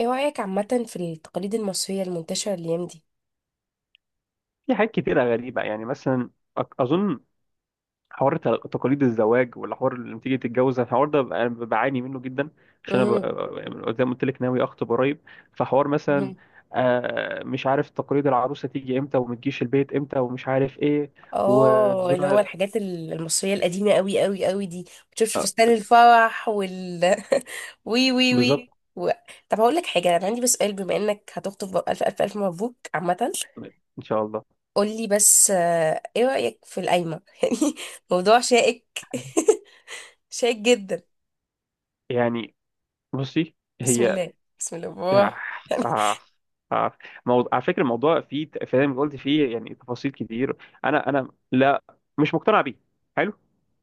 ايه رأيك عامة في التقاليد المصرية المنتشرة الأيام دي؟ في حاجات كتيرة غريبة يعني مثلا أظن حوار ت- تقاليد الزواج، ولا حوار لما تيجي تتجوز. الحوار ده، أنا بعاني منه جدا عشان أنا امم ب- زي ما قلت لك ناوي أخطب قريب. فحوار مثلا، مش عارف تقاليد العروسة تيجي إمتى وما تجيش البيت إمتى ومش عارف إيه اه، اللي هو وتزورها. الحاجات المصرية القديمة قوي قوي قوي دي. بتشوفش آه، فستان الفرح وال وي وي بالظبط. وي و... طب هقول لك حاجة، أنا عندي بس سؤال، بما إنك هتخطب بقى، ألف ألف ألف مبروك عامة. إن شاء الله. قول لي بس، ايه رأيك في القايمة؟ يعني موضوع شائك. شائك جدا. يعني بصي، بسم هي الله، بسم الله آه، بالراحة. يعني آه، آه، موضوع. على فكرة الموضوع فيه زي ما قلت فيه يعني تفاصيل كتير. أنا لا، مش مقتنع بيه. حلو.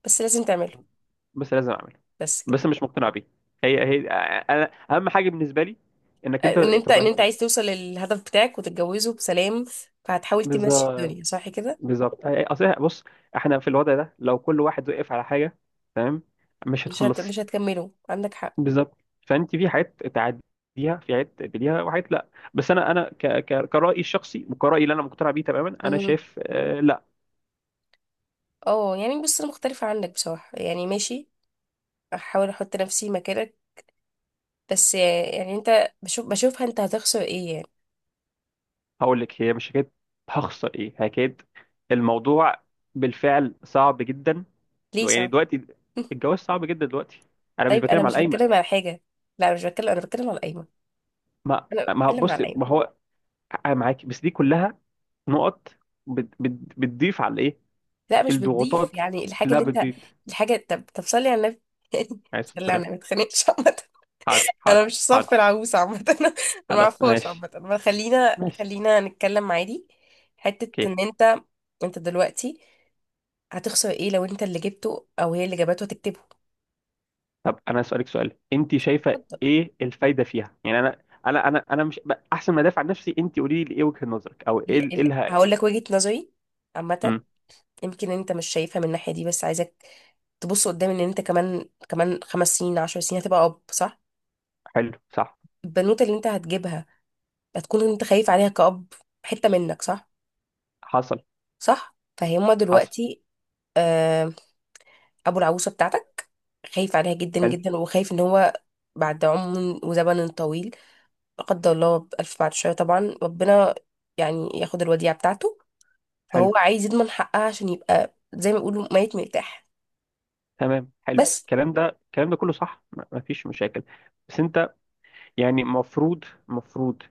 بس لازم تعمله. بس لازم اعمله. بس كده. بس مش مقتنع بيه. هي انا اهم حاجه بالنسبه لي انك انت ان انت تبقى. عايز توصل للهدف بتاعك وتتجوزه بسلام، فهتحاول تمشي بالظبط. الدنيا صح كده. بالظبط. اصل بص، احنا في الوضع ده لو كل واحد وقف على حاجه، تمام، مش هتخلصي. مش هتكمله، عندك حق. بالظبط. فانت في حاجات تعديها، في حاجات تقبليها وحاجات لا. بس انا كرأيي الشخصي وكرأيي اللي انا مقتنع بيه تماما، انا مهم. شايف لا. اه يعني بص، انا مختلفة عنك بصراحة، يعني ماشي، احاول احط نفسي مكانك. بس يعني انت بشوفها، انت هتخسر ايه يعني؟ هقول لك، هي مش حكايه. هخسر ايه؟ حكايه الموضوع بالفعل صعب جدا. ليه؟ يعني صح. دلوقتي الجواز صعب جدا دلوقتي. انا مش طيب انا بتكلم على مش الايمن. بتكلم على حاجة، لا مش بتكلم، انا بتكلم على القايمة، ما انا ما هو- بتكلم على بص، القايمة. ما هو انا معاك، بس دي كلها نقط بتضيف على الايه، لا مش بتضيف الضغوطات. يعني، الحاجة لا اللي انت، بتضيف. الحاجة، طب صلي على النبي. عليه الصلاه صلي على النبي، ما والسلام. تخانقش. حاضر انا حاضر مش صف حاضر. العروسه عامه، انا ما خلاص اعرفهاش ماشي. عامه، ما خلينا ماشي. خلينا نتكلم عادي. حته اوكي. ان انت، انت دلوقتي هتخسر ايه لو انت اللي جبته او هي اللي جابته هتكتبه؟ طب انا اسالك سؤال، انت شايفه اتفضل. ايه الفايده فيها؟ يعني انا مش ب- احسن ما ادافع عن نفسي، انت قولي لي ايه وجهه نظرك او ايه ال... ال... ايه لها. هقول لك وجهه نظري عامه. امم. يمكن انت مش شايفها من الناحيه دي، بس عايزك تبص قدام، ان انت كمان، كمان خمس سنين، عشر سنين هتبقى اب، صح؟ حلو، صح. البنوته اللي انت هتجيبها هتكون انت خايف عليها كأب، حته منك، صح؟ حصل، صح، فهما حصل. دلوقتي، آه، ابو العروسه بتاعتك خايف عليها جدا حلو. جدا، وخايف ان هو بعد عمر وزمن طويل، لا قدر الله، بألف، بعد شويه طبعا ربنا يعني ياخد الوديعه بتاعته، حلو. فهو عايز يضمن حقها عشان يبقى زي ما يقولوا ميت مرتاح. تمام، حلو. بس. الكلام ده، الكلام ده كله صح، ما فيش مشاكل. بس انت يعني مفروض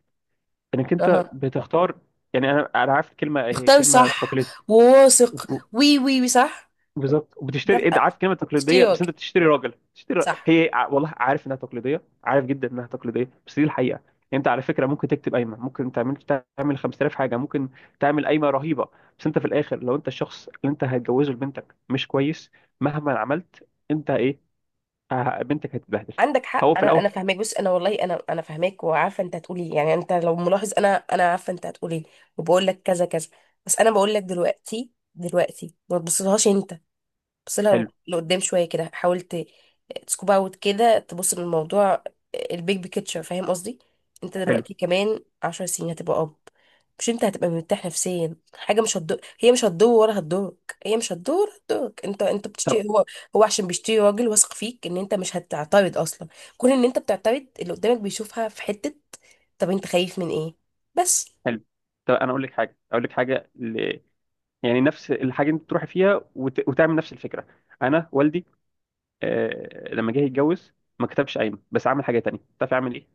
انك انت اها، بتختار. يعني انا عارف الكلمه، هي اختار، كلمه صح، فاكوليتيف. وواثق. وي وي وي صح، بالظبط. ده وبتشتري، انت بقى عارف كلمه تقليديه، بس اشتراك، انت بتشتري راجل، صح. هي والله عارف انها تقليديه، عارف جدا انها تقليديه، بس دي الحقيقه يعني. انت على فكره ممكن تكتب قايمه، ممكن تعمل 5000 حاجه، ممكن تعمل قايمه رهيبه، بس انت في الاخر لو انت الشخص اللي انت هتجوزه لبنتك مش كويس، مهما عملت انت ايه، بنتك هتتبهدل. عندك هو حق، في انا الاول. انا فاهماك، بص انا والله انا فاهماك وعارفه انت هتقولي إيه. يعني انت لو ملاحظ انا عارفه انت هتقولي إيه، وبقول لك كذا كذا. بس انا بقول لك دلوقتي، دلوقتي ما تبصلهاش انت، بس لو حلو. لقدام شوية كده حاولت تسكوب اوت كده، تبص للموضوع، البيج بيكتشر، فاهم قصدي؟ انت حلو. دلوقتي كمان عشر سنين هتبقى اب، مش انت هتبقى مرتاح نفسيا؟ حاجة مش هتضر، هي مش هتضر ولا هتضرك، هي مش هتضر ولا هتضرك. انت، انت طب، بتشتري، هو هو عشان بيشتري راجل واثق فيك ان انت مش هتعترض اصلا. كون ان انت بتعترض، اللي قدامك بيشوفها في حتة. طب انت خايف من ايه بس؟ حلو. طب انا اقول لك حاجه، يعني نفس الحاجه انت تروحي فيها وتعمل نفس الفكره. انا والدي، لما جه يتجوز، ما كتبش قايمه، بس عمل حاجه تانية، تعرف يعمل ايه؟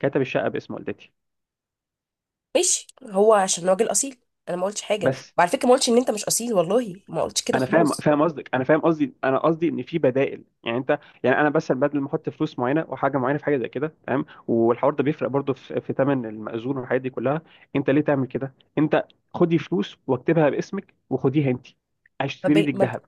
كتب الشقه باسم والدتي. ماشي، هو عشان راجل اصيل. انا ما قلتش حاجه، بس وعلى فكره ما قلتش ان انت مش اصيل، والله ما قلتش كده انا فاهم، خالص. فاهم قصدك، انا فاهم قصدي. انا قصدي ان في بدائل يعني. انت يعني انا بس بدل ما احط فلوس معينه وحاجه معينه في حاجه زي كده تمام، والحوار ده بيفرق برضه في في ثمن المأذون والحاجات دي كلها. انت ليه تعمل كده؟ انت خدي فلوس واكتبها باسمك وخديها انت، ما اشتري بي... لك ما... ب- ذهب،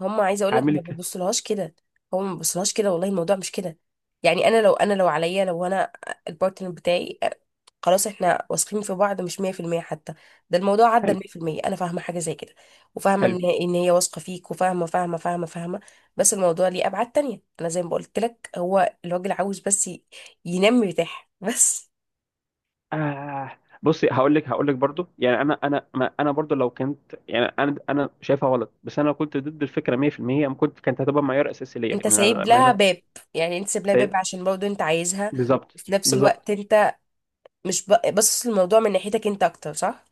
هم، عايزه اقول لك اعمل ما لك. ببصلهاش كده، هو ما ببصلهاش كده، والله الموضوع مش كده. يعني انا لو، انا لو عليا، لو انا البارتنر بتاعي، خلاص احنا واثقين في بعض مش 100% حتى، ده الموضوع عدى ال حلو. 100%. انا فاهمه حاجه زي كده، وفاهمه حلو. ان ان هي واثقه فيك، وفاهمه، فاهمه. بس الموضوع ليه ابعاد تانية، انا زي ما قلت لك، هو الراجل عاوز بس ينام مرتاح. بس. آه بصي، هقول لك، هقول لك برضو يعني انا انا ما انا برضو لو كنت، يعني انا شايفها غلط، بس انا لو كنت ضد الفكره 100%، أنا كنت، كانت هتبقى معيار اساسي ليا، انت ان انا سايب لها باب، يعني انت سايب لها سي- باب س- عشان برضه انت عايزها، بالظبط. وفي نفس بالظبط. الوقت انت مش ب- باصص الموضوع من ناحيتك انت اكتر، صح؟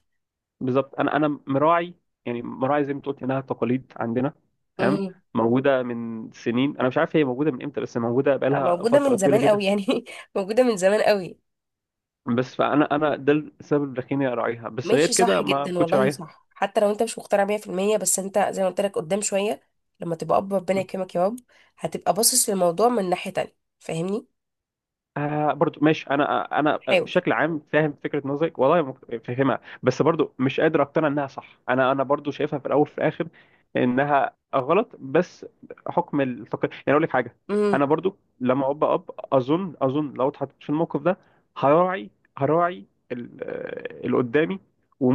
بالظبط. انا مراعي، يعني مراعي زي ما أنت قلت انها تقاليد عندنا. تمام. امم. موجوده من سنين، انا مش عارف هي موجوده من امتى، بس موجوده بقالها موجودة من فتره طويله زمان قوي جدا. يعني، موجودة من زمان قوي. بس فانا، انا ده السبب اللي خليني اراعيها، بس غير ماشي صح كده ما جدا، كنتش والله اراعيها. صح. حتى لو انت مش مقتنع 100%، بس انت زي ما قلت لك قدام شوية، لما تبقى اب ربنا يكرمك يا رب، هتبقى باصص للموضوع من ناحية تانية، فاهمني؟ آه برضو ماشي، انا حاول. بشكل عام فاهم فكره نظرك، والله فاهمها، بس برضو مش قادر اقتنع انها صح. انا برضو شايفها في الاول وفي الاخر انها غلط، بس حكم التقييم. يعني اقول لك حاجه، امم. انا برضو لما ابقى اب، اظن لو اتحطيت في الموقف ده هراعي، هراعي اللي قدامي،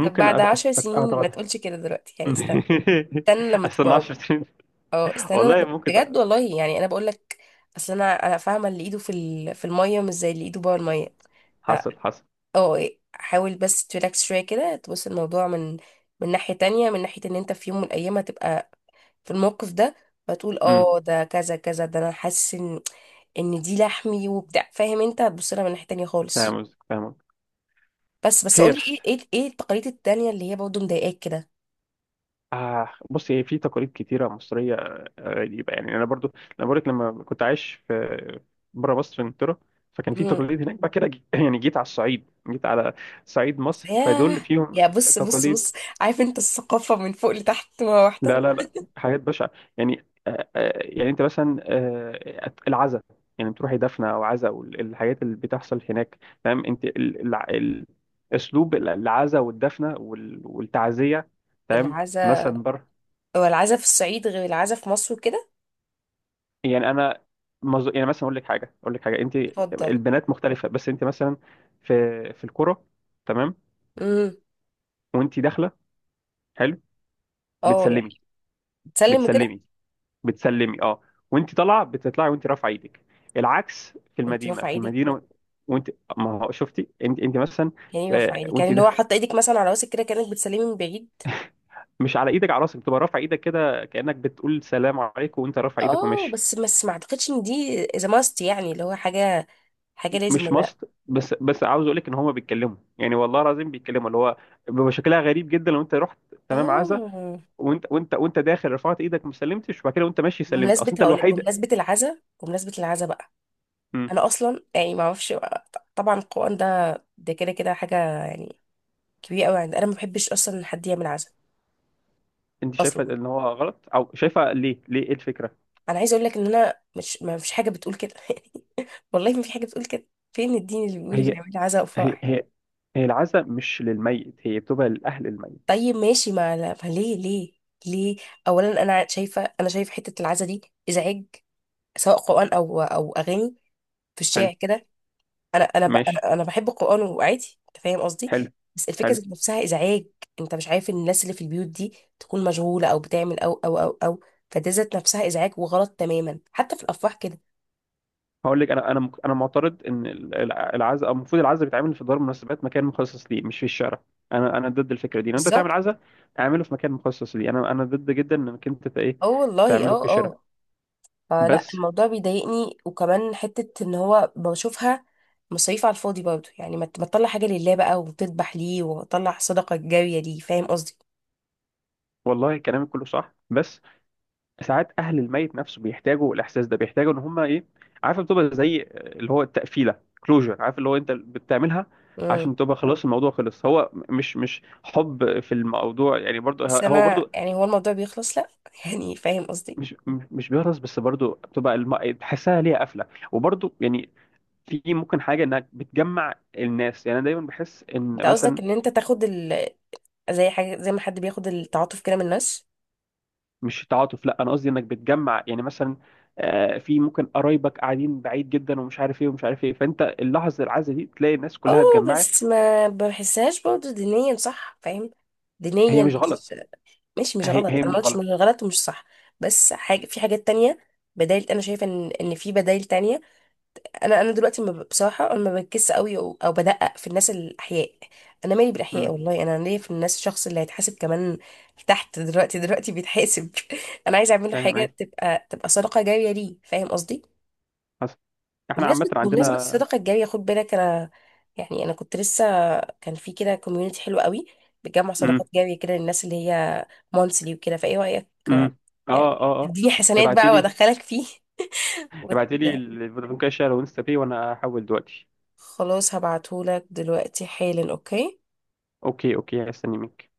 طب بعد عشر سنين ما اتغاضى. تقولش كده دلوقتي يعني، استنى، استنى لما استنى تبقى 10 اب. سنين. اه استنى. انا والله ممكن بجد والله يعني انا بقول لك، اصل انا فاهمه اللي ايده في الميه مش زي اللي ايده جوه الميه. ف، حصل، حصل. اه حاول بس تريلاكس شويه كده، تبص الموضوع من، من ناحيه تانية، من ناحيه ان انت في يوم من الايام هتبقى في الموقف ده، فتقول امم. اه ده كذا كذا، ده انا حاسس ان ان دي لحمي وبتاع، فاهم؟ انت هتبص لها من ناحيه تانية خالص. فاهم قصدك، فاهم قصدك. بس بس قولي، خير. ايه ايه ايه التقاليد التانية اللي هي برضه مضايقاك كده؟ آه بصي، هي في تقاليد كتيرة مصرية غريبة يعني. أنا برضو، أنا بقولك لما كنت عايش في بره مصر في إنجلترا فكان في امم. تقاليد هناك، بعد كده يعني جيت على الصعيد، جيت على صعيد مصر، ياه، فدول فيهم يا بص بص تقاليد. بص، عارف انت الثقافه من فوق لتحت مره واحده. لا، حاجات بشعة. يعني آه، يعني أنت مثلا آه العزاء، يعني بتروحي دفنة أو عزاء والحاجات اللي بتحصل هناك. تمام. أنت أسلوب العزاء والدفنة والتعزية. تمام. العزا، مثلا. هو العزا في الصعيد غير العزا في مصر كده؟ يعني انا يعني مثلا اقول لك حاجه، اقول لك حاجه. انت اتفضل. البنات مختلفه، بس انت مثلا في في الكوره تمام، امم. وانت داخله، حلو، اه يعني بتسلمي. بتسلم كده بتسلمي بتسلمي اه. وانت طالعه بتطلعي وانت رافعه ايدك. العكس في وانت المدينه رافعه في ايدك؟ المدينه وانت، ما هو شفتي انت، انت مثلا يعني ايه رافعه ايدك، يعني وانت اللي هو داخل، حاطه ايدك مثلا على راسك كده كانك بتسلمي من بعيد؟ مش على ايدك، على راسك، بتبقى رافعه ايدك كده كانك بتقول سلام عليكم، وانت رافع ايدك اه وماشي. بس بس ما اعتقدش ان دي اذا ماست، يعني اللي هو حاجه حاجه لازم مش ولا لأ. ماست، بس بس عاوز اقول لك ان هما بيتكلموا، يعني والله العظيم بيتكلموا اللي هو بيبقى شكلها غريب جدا لو انت رحت تمام عزا، اه، وانت داخل رفعت ايدك ما سلمتش، وبعد كده وانت ماشي سلمت، اصل بمناسبه انت هقول لك، الوحيد. بمناسبه العزا، بمناسبه العزا بقى، امم. انا اصلا يعني ما اعرفش بقى. طبعا القران ده، ده كده كده حاجه يعني كبيره قوي عندي، انا ما بحبش اصلا ان حد يعمل عزا انت اصلا. شايفه ان هو غلط، او شايفه ليه؟ ليه ايه الفكره؟ انا عايزه اقول لك ان انا مش، ما مفيش حاجه بتقول كده، والله ما في حاجه بتقول كده. فين الدين اللي بيقول اللي هي يعمل عزاء هي وفرح؟ هي هي العزا مش للميت، هي بتبقى لاهل الميت. طيب ماشي، ما ليه، ليه، ليه؟ اولا انا شايفه، انا شايفه حته العزاء دي ازعاج، سواء قران او او اغاني في حلو. الشارع كده. انا انا ب- ماشي. انا أنا بحب القران وعادي، انت فاهم قصدي، حلو. بس الفكره حلو. ذات نفسها ازعاج. انت مش عارف ان الناس اللي في البيوت دي تكون مشغوله او بتعمل او او او او، فده ذات نفسها ازعاج وغلط تماما، حتى في الافراح كده. هقول لك انا، انا معترض ان العزاء، المفروض العزاء بيتعمل في دار المناسبات، مكان مخصص ليه، مش في الشارع. انا ضد الفكره دي. لو انت تعمل بالظبط. عزاء اعمله في مكان مخصص ليه. انا ضد جدا انك انت ايه اه والله، تعمله في اه الشارع. اه. فلا، بس الموضوع بيضايقني، وكمان حتة ان هو بشوفها مصاريف على الفاضي برضه، يعني ما تطلع حاجة لله بقى، وتذبح ليه، وتطلع صدقة جارية ليه، فاهم قصدي؟ والله كلامك كله صح، بس ساعات اهل الميت نفسه بيحتاجوا الاحساس ده، بيحتاجوا ان هم ايه، عارف، بتبقى زي اللي هو التقفيله، كلوجر عارف، اللي هو انت بتعملها امم. عشان تبقى خلاص الموضوع خلص. هو مش حب في الموضوع يعني، برضه بس هو انا برضه يعني، هو الموضوع بيخلص لا، يعني فاهم قصدي؟ مش بيهرس، بس برضو بتبقى تحسها ليها قفله. وبرضو يعني في ممكن حاجه انك بتجمع الناس. يعني انا دايما بحس ان انت قصدك مثلا، ان انت تاخد زي حاجة، زي ما حد بياخد التعاطف كده من الناس؟ مش تعاطف لا، انا قصدي انك بتجمع، يعني مثلا في ممكن قرايبك قاعدين بعيد جدا ومش عارف ايه ومش عارف ايه، فانت اللحظه العزه دي تلاقي الناس اه، كلها اتجمعت. بس ما بحسهاش برضه دينيا، صح فاهم؟ هي دينيا مش غلط. مش، ماشي مش هي غلط، هي انا ما مش قلتش مش غلط. غلط ومش صح. بس حاجة، في حاجات تانية، بدايل، انا شايفة ان ان في بدايل تانية. انا انا دلوقتي ما ب- بصراحه، انا ما بركزش قوي او، أو بدقق في الناس الاحياء. انا مالي بالاحياء امم. والله، انا ليا في الناس الشخص اللي هيتحاسب، كمان تحت دلوقتي، دلوقتي بيتحاسب. انا عايزه اعمل له فاهم حاجه ايه. تبقى، تبقى صدقه جاريه ليه، فاهم قصدي؟ حصل. احنا عامه بمناسبه، بمناسبه عندنا. الصدقه الجاريه خد بالك. انا يعني انا كنت لسه، كان في كده كوميونتي حلو قوي بتجمع صدقات امم. جاريه كده للناس، اللي هي مونثلي وكده، فايه رايك؟ امم. اه يعني اه اه. تديني حسنات ابعتي بقى لي، وادخلك فيه. وت... ابعتي لي الفودافون كاش شير وانستا باي وانا هحول دلوقتي. خلاص هبعتهولك دلوقتي حالا، اوكي. اوكي. اوكي، هستني منك.